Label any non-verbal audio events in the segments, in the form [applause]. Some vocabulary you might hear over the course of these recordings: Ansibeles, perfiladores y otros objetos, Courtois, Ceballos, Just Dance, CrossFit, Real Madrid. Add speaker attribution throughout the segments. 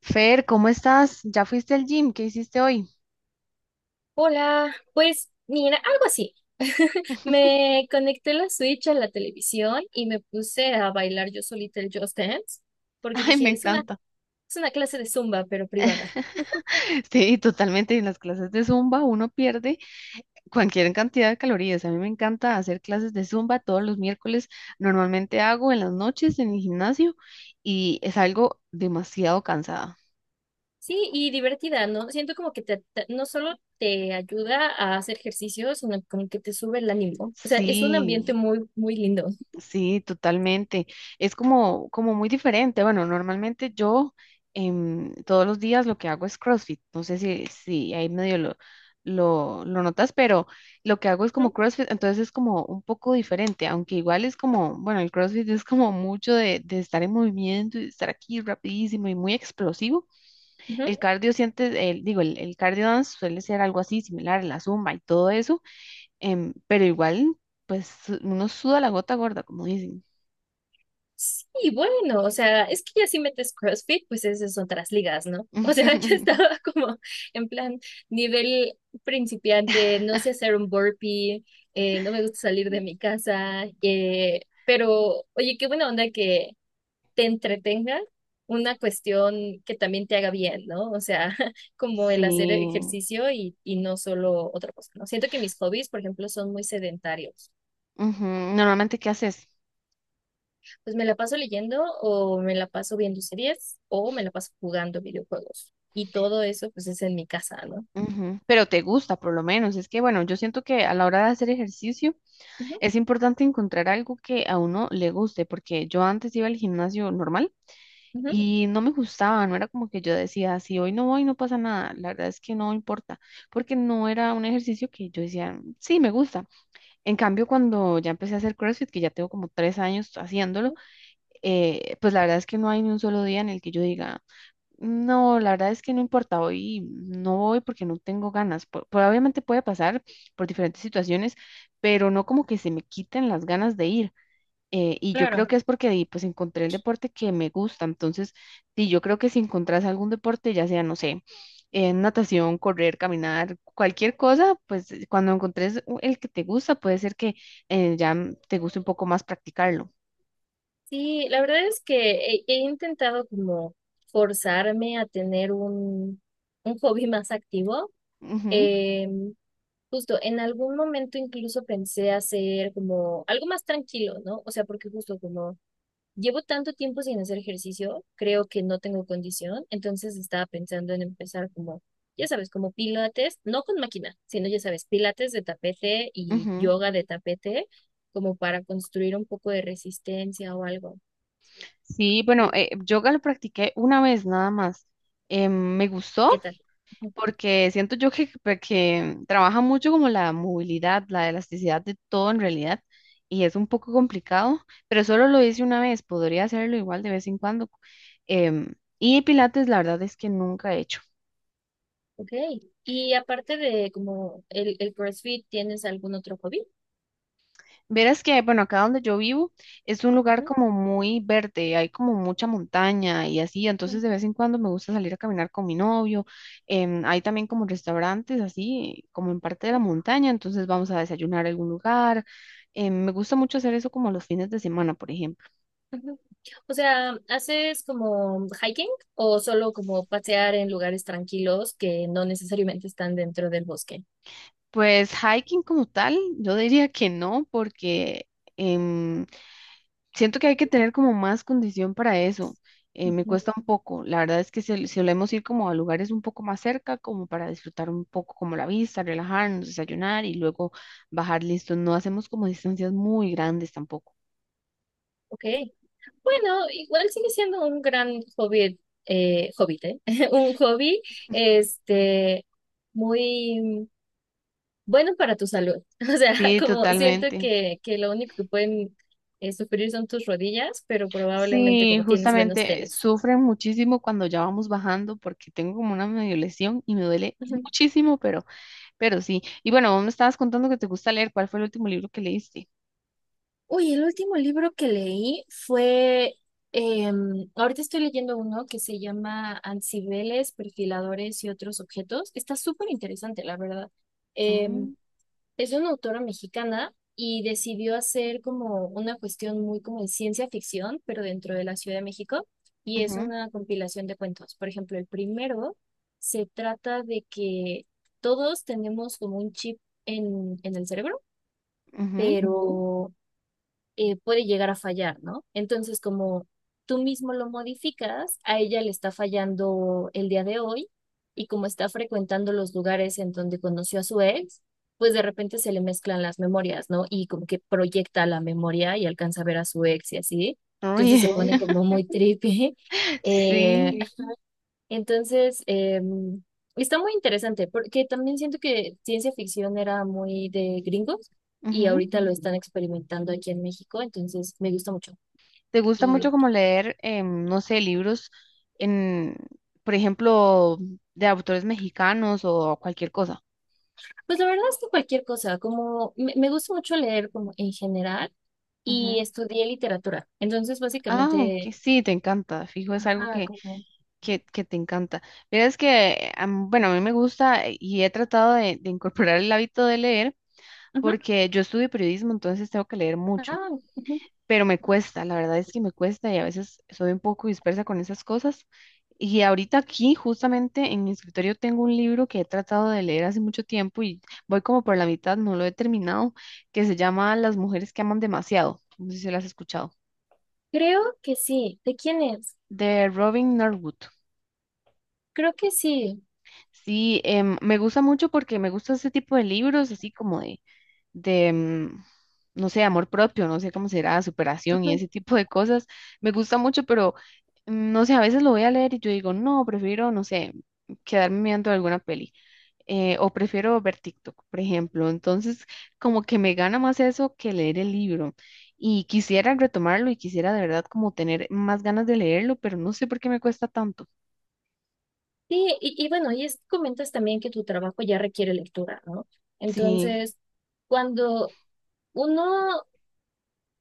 Speaker 1: Fer, ¿cómo estás? ¿Ya fuiste al gym? ¿Qué hiciste hoy?
Speaker 2: Hola, pues mira, algo así. [laughs] Me conecté la Switch a la televisión y me puse a bailar yo solita el Just Dance, porque
Speaker 1: [laughs] Ay, me
Speaker 2: dije,
Speaker 1: encanta.
Speaker 2: es una clase de zumba, pero privada.
Speaker 1: [laughs] Sí, totalmente. En las clases de Zumba uno pierde cualquier cantidad de calorías. A mí me encanta hacer clases de Zumba todos los miércoles. Normalmente hago en las noches en el gimnasio y es algo demasiado cansada.
Speaker 2: Sí, y divertida, ¿no? Siento como que no solo te ayuda a hacer ejercicio, sino como que te sube el ánimo. O sea, es un
Speaker 1: Sí.
Speaker 2: ambiente muy lindo.
Speaker 1: Sí, totalmente. Es como muy diferente. Bueno, normalmente yo todos los días lo que hago es CrossFit. No sé si ahí medio lo notas, pero lo que hago es
Speaker 2: ¿Mm?
Speaker 1: como CrossFit, entonces es como un poco diferente, aunque igual es como, bueno, el CrossFit es como mucho de estar en movimiento y de estar aquí rapidísimo y muy explosivo. El
Speaker 2: Ujú.
Speaker 1: cardio siente, el, digo, el cardio dance suele ser algo así similar, la zumba y todo eso, pero igual, pues uno suda la gota gorda, como dicen.
Speaker 2: Sí, bueno, o sea, es que ya si metes CrossFit, pues esas son otras ligas, ¿no? O sea, [laughs] yo
Speaker 1: [laughs]
Speaker 2: estaba como en plan nivel principiante, no sé hacer un burpee, no me gusta salir
Speaker 1: Ujú.
Speaker 2: de mi casa, pero oye, qué buena onda que te entretenga una cuestión que también te haga bien, ¿no? O sea, [laughs] como el hacer
Speaker 1: Sí.
Speaker 2: ejercicio y, no solo otra cosa, ¿no? Siento que mis hobbies, por ejemplo, son muy sedentarios.
Speaker 1: Ujú, normalmente, ¿qué haces?
Speaker 2: Pues me la paso leyendo o me la paso viendo series o me la paso jugando videojuegos. Y todo eso pues es en mi casa, ¿no?
Speaker 1: Ujú. Pero te gusta, por lo menos. Es que, bueno, yo siento que a la hora de hacer ejercicio
Speaker 2: Ujú,
Speaker 1: es importante encontrar algo que a uno le guste, porque yo antes iba al gimnasio normal
Speaker 2: ujú,
Speaker 1: y no me gustaba, no era como que yo decía, si hoy no voy, no pasa nada. La verdad es que no importa, porque no era un ejercicio que yo decía, sí, me gusta. En cambio, cuando ya empecé a hacer CrossFit, que ya tengo como 3 años haciéndolo,
Speaker 2: ujú,
Speaker 1: pues la verdad es que no hay ni un solo día en el que yo diga, no, la verdad es que no importa, hoy no voy porque no tengo ganas. Probablemente puede pasar por diferentes situaciones, pero no como que se me quiten las ganas de ir. Y yo creo
Speaker 2: claro.
Speaker 1: que es porque pues encontré el deporte que me gusta. Entonces, sí, yo creo que si encontrás algún deporte, ya sea, no sé, natación, correr, caminar, cualquier cosa, pues cuando encontres el que te gusta, puede ser que ya te guste un poco más practicarlo.
Speaker 2: Sí, la verdad es que he intentado como forzarme a tener un hobby [laughs] más activo. Eh, Justo en algún momento incluso pensé hacer como algo más tranquilo, ¿no? O sea, porque justo como llevo tanto tiempo sin hacer ejercicio, creo que no tengo condición, entonces estaba pensando en empezar como, ya sabes, como pilates, no con máquina, sino ya sabes, pilates de tapete
Speaker 1: Ujú,
Speaker 2: y
Speaker 1: ujú.
Speaker 2: yoga de tapete, como para construir un poco de resistencia o algo.
Speaker 1: Sí, bueno,
Speaker 2: Sí.
Speaker 1: yoga lo practiqué una vez nada más. Me gustó
Speaker 2: ¿Qué tal? Ujú.
Speaker 1: porque siento yo que trabaja mucho como la movilidad, la elasticidad de todo en realidad y es un poco complicado, pero solo lo hice una vez, podría hacerlo igual de vez en cuando. Y Pilates, la verdad es que nunca he hecho.
Speaker 2: Ok. Y aparte de el CrossFit, ¿tienes algún otro hobby?
Speaker 1: Verás que, bueno, acá donde yo vivo es un lugar como muy verde, hay como mucha montaña y así,
Speaker 2: Ujú.
Speaker 1: entonces de vez en cuando me gusta salir a caminar con mi novio, hay también como restaurantes así, como en parte de la montaña, entonces vamos a desayunar a algún lugar, me gusta mucho hacer eso como los fines de semana, por ejemplo.
Speaker 2: Ujú. O sea, ¿haces como hiking o solo como pasear en lugares tranquilos que no necesariamente están dentro del bosque?
Speaker 1: Pues hiking como tal, yo diría que no, porque em, siento que hay que tener como más condición para eso. Me
Speaker 2: Ujú.
Speaker 1: cuesta un poco. La verdad es que si solemos ir como a lugares un poco más cerca, como para disfrutar un poco como la vista, relajarnos, desayunar y luego bajar listo. No hacemos como distancias muy grandes tampoco.
Speaker 2: Ok. Bueno, igual sigue siendo un gran hobby, hobbit, ¿eh? [laughs] Un hobby, este, muy bueno para tu salud. [laughs] O sea,
Speaker 1: Sí,
Speaker 2: como siento
Speaker 1: totalmente.
Speaker 2: que lo único que pueden sufrir son tus rodillas, pero probablemente
Speaker 1: Sí,
Speaker 2: como tienes buenos
Speaker 1: justamente
Speaker 2: tenis.
Speaker 1: sufren muchísimo cuando ya vamos bajando porque tengo como una medio lesión y me duele muchísimo, pero sí. Y bueno, vos me estabas contando que te gusta leer. ¿Cuál fue el último libro que leíste?
Speaker 2: Uy, el último libro que leí fue, ahorita estoy leyendo uno que se llama Ansibeles, perfiladores y otros objetos. Está súper interesante, la verdad. Em,
Speaker 1: Mm,
Speaker 2: es una autora mexicana y decidió hacer como una cuestión muy como de ciencia ficción, pero dentro de la Ciudad de México. Y es
Speaker 1: ujú,
Speaker 2: una compilación de cuentos. Por ejemplo, el primero se trata de que todos tenemos como un chip en el cerebro. Ujú.
Speaker 1: ujú.
Speaker 2: Pero puede llegar a fallar, ¿no? Entonces, como tú mismo lo modificas, a ella le está fallando el día de hoy y como está frecuentando los lugares en donde conoció a su ex, pues de repente se le mezclan las memorias, ¿no? Y como que proyecta la memoria y alcanza a ver a su ex y así. Entonces
Speaker 1: Uy, [laughs]
Speaker 2: se pone Uy. Como muy trippy. [laughs] Eh,
Speaker 1: sí.
Speaker 2: entonces, está muy interesante porque también siento que ciencia ficción era muy de gringos y
Speaker 1: Ujú.
Speaker 2: ahorita lo están experimentando aquí en México, entonces me gusta mucho.
Speaker 1: ¿Te gusta mucho
Speaker 2: Y
Speaker 1: como leer, no sé, libros en, por ejemplo, de autores mexicanos o cualquier cosa?
Speaker 2: pues la verdad es que cualquier cosa, como me gusta mucho leer como en general y
Speaker 1: Ujú.
Speaker 2: estudié literatura. Entonces,
Speaker 1: Ah, ok,
Speaker 2: básicamente,
Speaker 1: sí, te encanta, fijo, es algo
Speaker 2: ajá,
Speaker 1: que,
Speaker 2: como...
Speaker 1: que, que te encanta. Mira, es que, bueno, a mí me gusta y he tratado de incorporar el hábito de leer
Speaker 2: ujú,
Speaker 1: porque yo estudio periodismo, entonces tengo que leer mucho.
Speaker 2: ah, ujú.
Speaker 1: Pero me cuesta, la verdad es que me cuesta y a veces soy un poco dispersa con esas cosas. Y ahorita aquí, justamente en mi escritorio, tengo un libro que he tratado de leer hace mucho tiempo y voy como por la mitad, no lo he terminado, que se llama Las mujeres que aman demasiado. No sé si lo has escuchado,
Speaker 2: Creo que sí. ¿De quién es?
Speaker 1: de Robin Norwood.
Speaker 2: Creo que sí.
Speaker 1: Sí, me gusta mucho porque me gusta ese tipo de libros, así como de, no sé, amor propio, no sé cómo será, superación y ese tipo de cosas. Me gusta mucho, pero no sé, a veces lo voy a leer y yo digo, no, prefiero, no sé, quedarme viendo alguna peli. O prefiero ver TikTok, por ejemplo. Entonces, como que me gana más eso que leer el libro. Y quisiera retomarlo y quisiera de verdad como tener más ganas de leerlo, pero no sé por qué me cuesta tanto.
Speaker 2: Sí, bueno, y es, comentas también que tu trabajo ya requiere lectura, ¿no?
Speaker 1: Sí,
Speaker 2: Entonces, cuando uno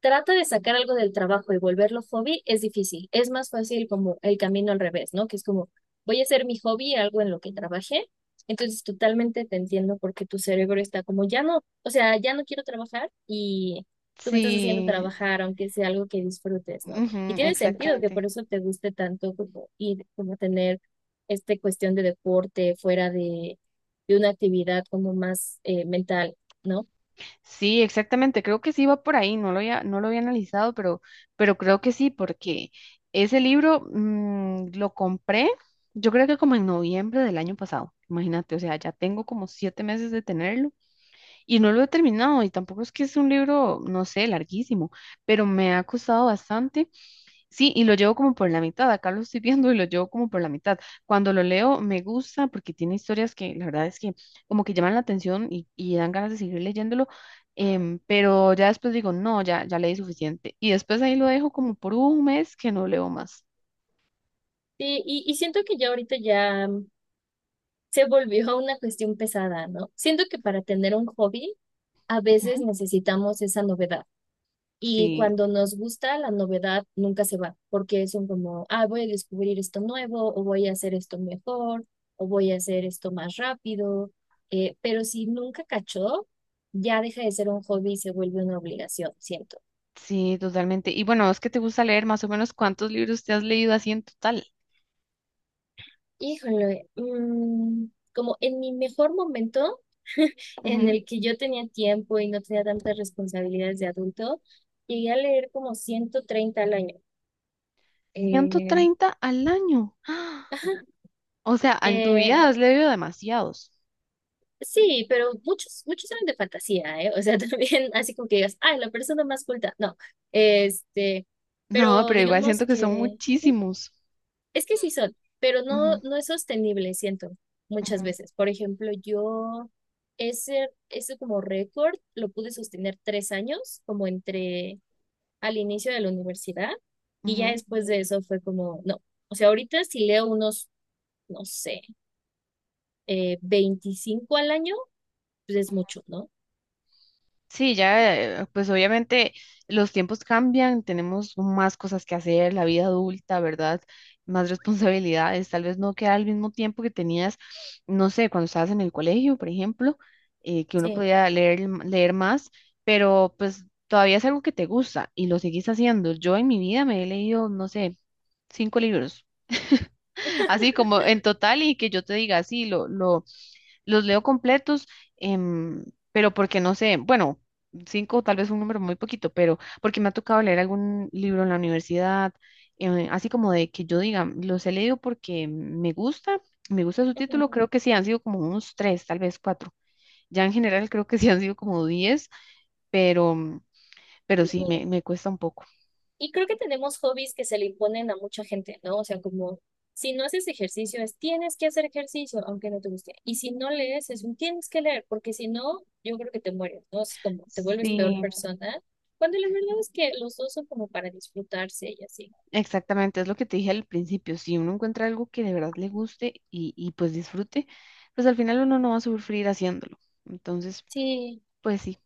Speaker 2: trata de sacar algo del trabajo y volverlo hobby es difícil. Es más fácil como el camino al revés, ¿no? Que es como, voy a hacer mi hobby algo en lo que trabajé. Entonces, totalmente te entiendo porque tu cerebro está como, ya no, o sea, ya no quiero trabajar y tú me estás haciendo
Speaker 1: sí,
Speaker 2: trabajar, aunque sea algo que disfrutes, ¿no?
Speaker 1: ujú,
Speaker 2: Y tiene sentido que por
Speaker 1: exactamente.
Speaker 2: eso te guste tanto como ir, como tener esta cuestión de deporte fuera de una actividad como más mental, ¿no?
Speaker 1: Sí, exactamente. Creo que sí va por ahí. No lo había analizado, pero, creo que sí, porque ese libro lo compré, yo creo que como en noviembre del año pasado. Imagínate, o sea, ya tengo como 7 meses de tenerlo y no lo he terminado. Y tampoco es que es un libro, no sé, larguísimo, pero me ha costado bastante. Sí, y lo llevo como por la mitad. Acá lo estoy viendo y lo llevo como por la mitad. Cuando lo leo me gusta porque tiene historias que la verdad es que como que llaman la atención y dan ganas de seguir leyéndolo, pero ya después digo, no, ya, ya leí suficiente. Y después ahí lo dejo como por un mes que no leo más.
Speaker 2: Siento que ya ahorita ya se volvió una cuestión pesada, ¿no? Siento que para tener un hobby a veces
Speaker 1: Ujú.
Speaker 2: necesitamos esa novedad y
Speaker 1: Sí,
Speaker 2: cuando nos gusta la novedad nunca se va porque son como, ah, voy a descubrir esto nuevo o voy a hacer esto mejor o voy a hacer esto más rápido, pero si nunca cachó, ya deja de ser un hobby y se vuelve una obligación, siento.
Speaker 1: sí, totalmente. Y bueno, es que te gusta leer, más o menos, ¿cuántos libros te has leído así en total?
Speaker 2: Híjole, como en mi mejor momento, [laughs] en
Speaker 1: Ujú.
Speaker 2: el que yo tenía tiempo y no tenía tantas responsabilidades de adulto, llegué a leer como 130 al año.
Speaker 1: ciento
Speaker 2: Eh,
Speaker 1: treinta al año. [gasps] ¡Ah!
Speaker 2: ajá,
Speaker 1: O sea, en tu vida
Speaker 2: eh,
Speaker 1: has leído demasiados.
Speaker 2: sí, pero muchos eran de fantasía, ¿eh? O sea, [laughs] también así como que digas, ay, la persona más culta. No, este,
Speaker 1: No,
Speaker 2: pero
Speaker 1: pero igual
Speaker 2: digamos
Speaker 1: siento que son
Speaker 2: que
Speaker 1: muchísimos.
Speaker 2: es que sí son, pero
Speaker 1: Ujú,
Speaker 2: no es sostenible, siento, muchas
Speaker 1: ujú,
Speaker 2: veces. Por ejemplo, yo ese como récord lo pude sostener 3 años, como entre al inicio de la universidad, y ya
Speaker 1: ujú.
Speaker 2: después de eso fue como, no, o sea, ahorita si leo unos, no sé, 25 al año, pues es mucho, ¿no?
Speaker 1: Sí, ya, pues obviamente los tiempos cambian, tenemos más cosas que hacer, la vida adulta, ¿verdad? Más responsabilidades, tal vez no queda al mismo tiempo que tenías, no sé, cuando estabas en el colegio, por ejemplo, que uno
Speaker 2: Sí.
Speaker 1: podía leer, leer más, pero pues todavía es algo que te gusta y lo seguís haciendo. Yo en mi vida me he leído, no sé, cinco libros, [laughs] así como en total y que yo te diga, sí, lo los leo completos, em, pero porque no sé, bueno, cinco tal vez un número muy poquito, pero porque me ha tocado leer algún libro en la universidad, así como de que yo diga, los he leído porque me gusta su
Speaker 2: Ujú.
Speaker 1: título, creo que sí han sido como unos tres, tal vez cuatro. Ya en general creo que sí han sido como 10, pero, pero sí,
Speaker 2: Sí.
Speaker 1: me cuesta un poco.
Speaker 2: Y creo que tenemos hobbies que se le imponen a mucha gente, ¿no? O sea, como si no haces ejercicio, es tienes que hacer ejercicio, aunque no te guste. Y si no lees, es un tienes que leer, porque si no, yo creo que te mueres, ¿no? Es como te vuelves peor
Speaker 1: Sí,
Speaker 2: persona, cuando la verdad es que los dos son como para disfrutarse y así.
Speaker 1: exactamente, es lo que te dije al principio, si uno encuentra algo que de verdad le guste y pues disfrute, pues al final uno no va a sufrir haciéndolo. Entonces,
Speaker 2: Sí,
Speaker 1: pues sí.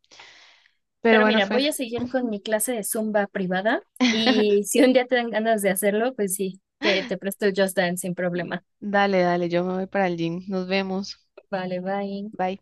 Speaker 1: Pero
Speaker 2: pero
Speaker 1: bueno,
Speaker 2: mira,
Speaker 1: Fer,
Speaker 2: voy a seguir con
Speaker 1: ujú.
Speaker 2: mi clase de Zumba privada y
Speaker 1: [laughs]
Speaker 2: si un día te dan ganas de hacerlo, pues sí, te presto el Just Dance sin problema.
Speaker 1: Dale, dale, yo me voy para el gym. Nos vemos.
Speaker 2: Vale, bye.
Speaker 1: Bye.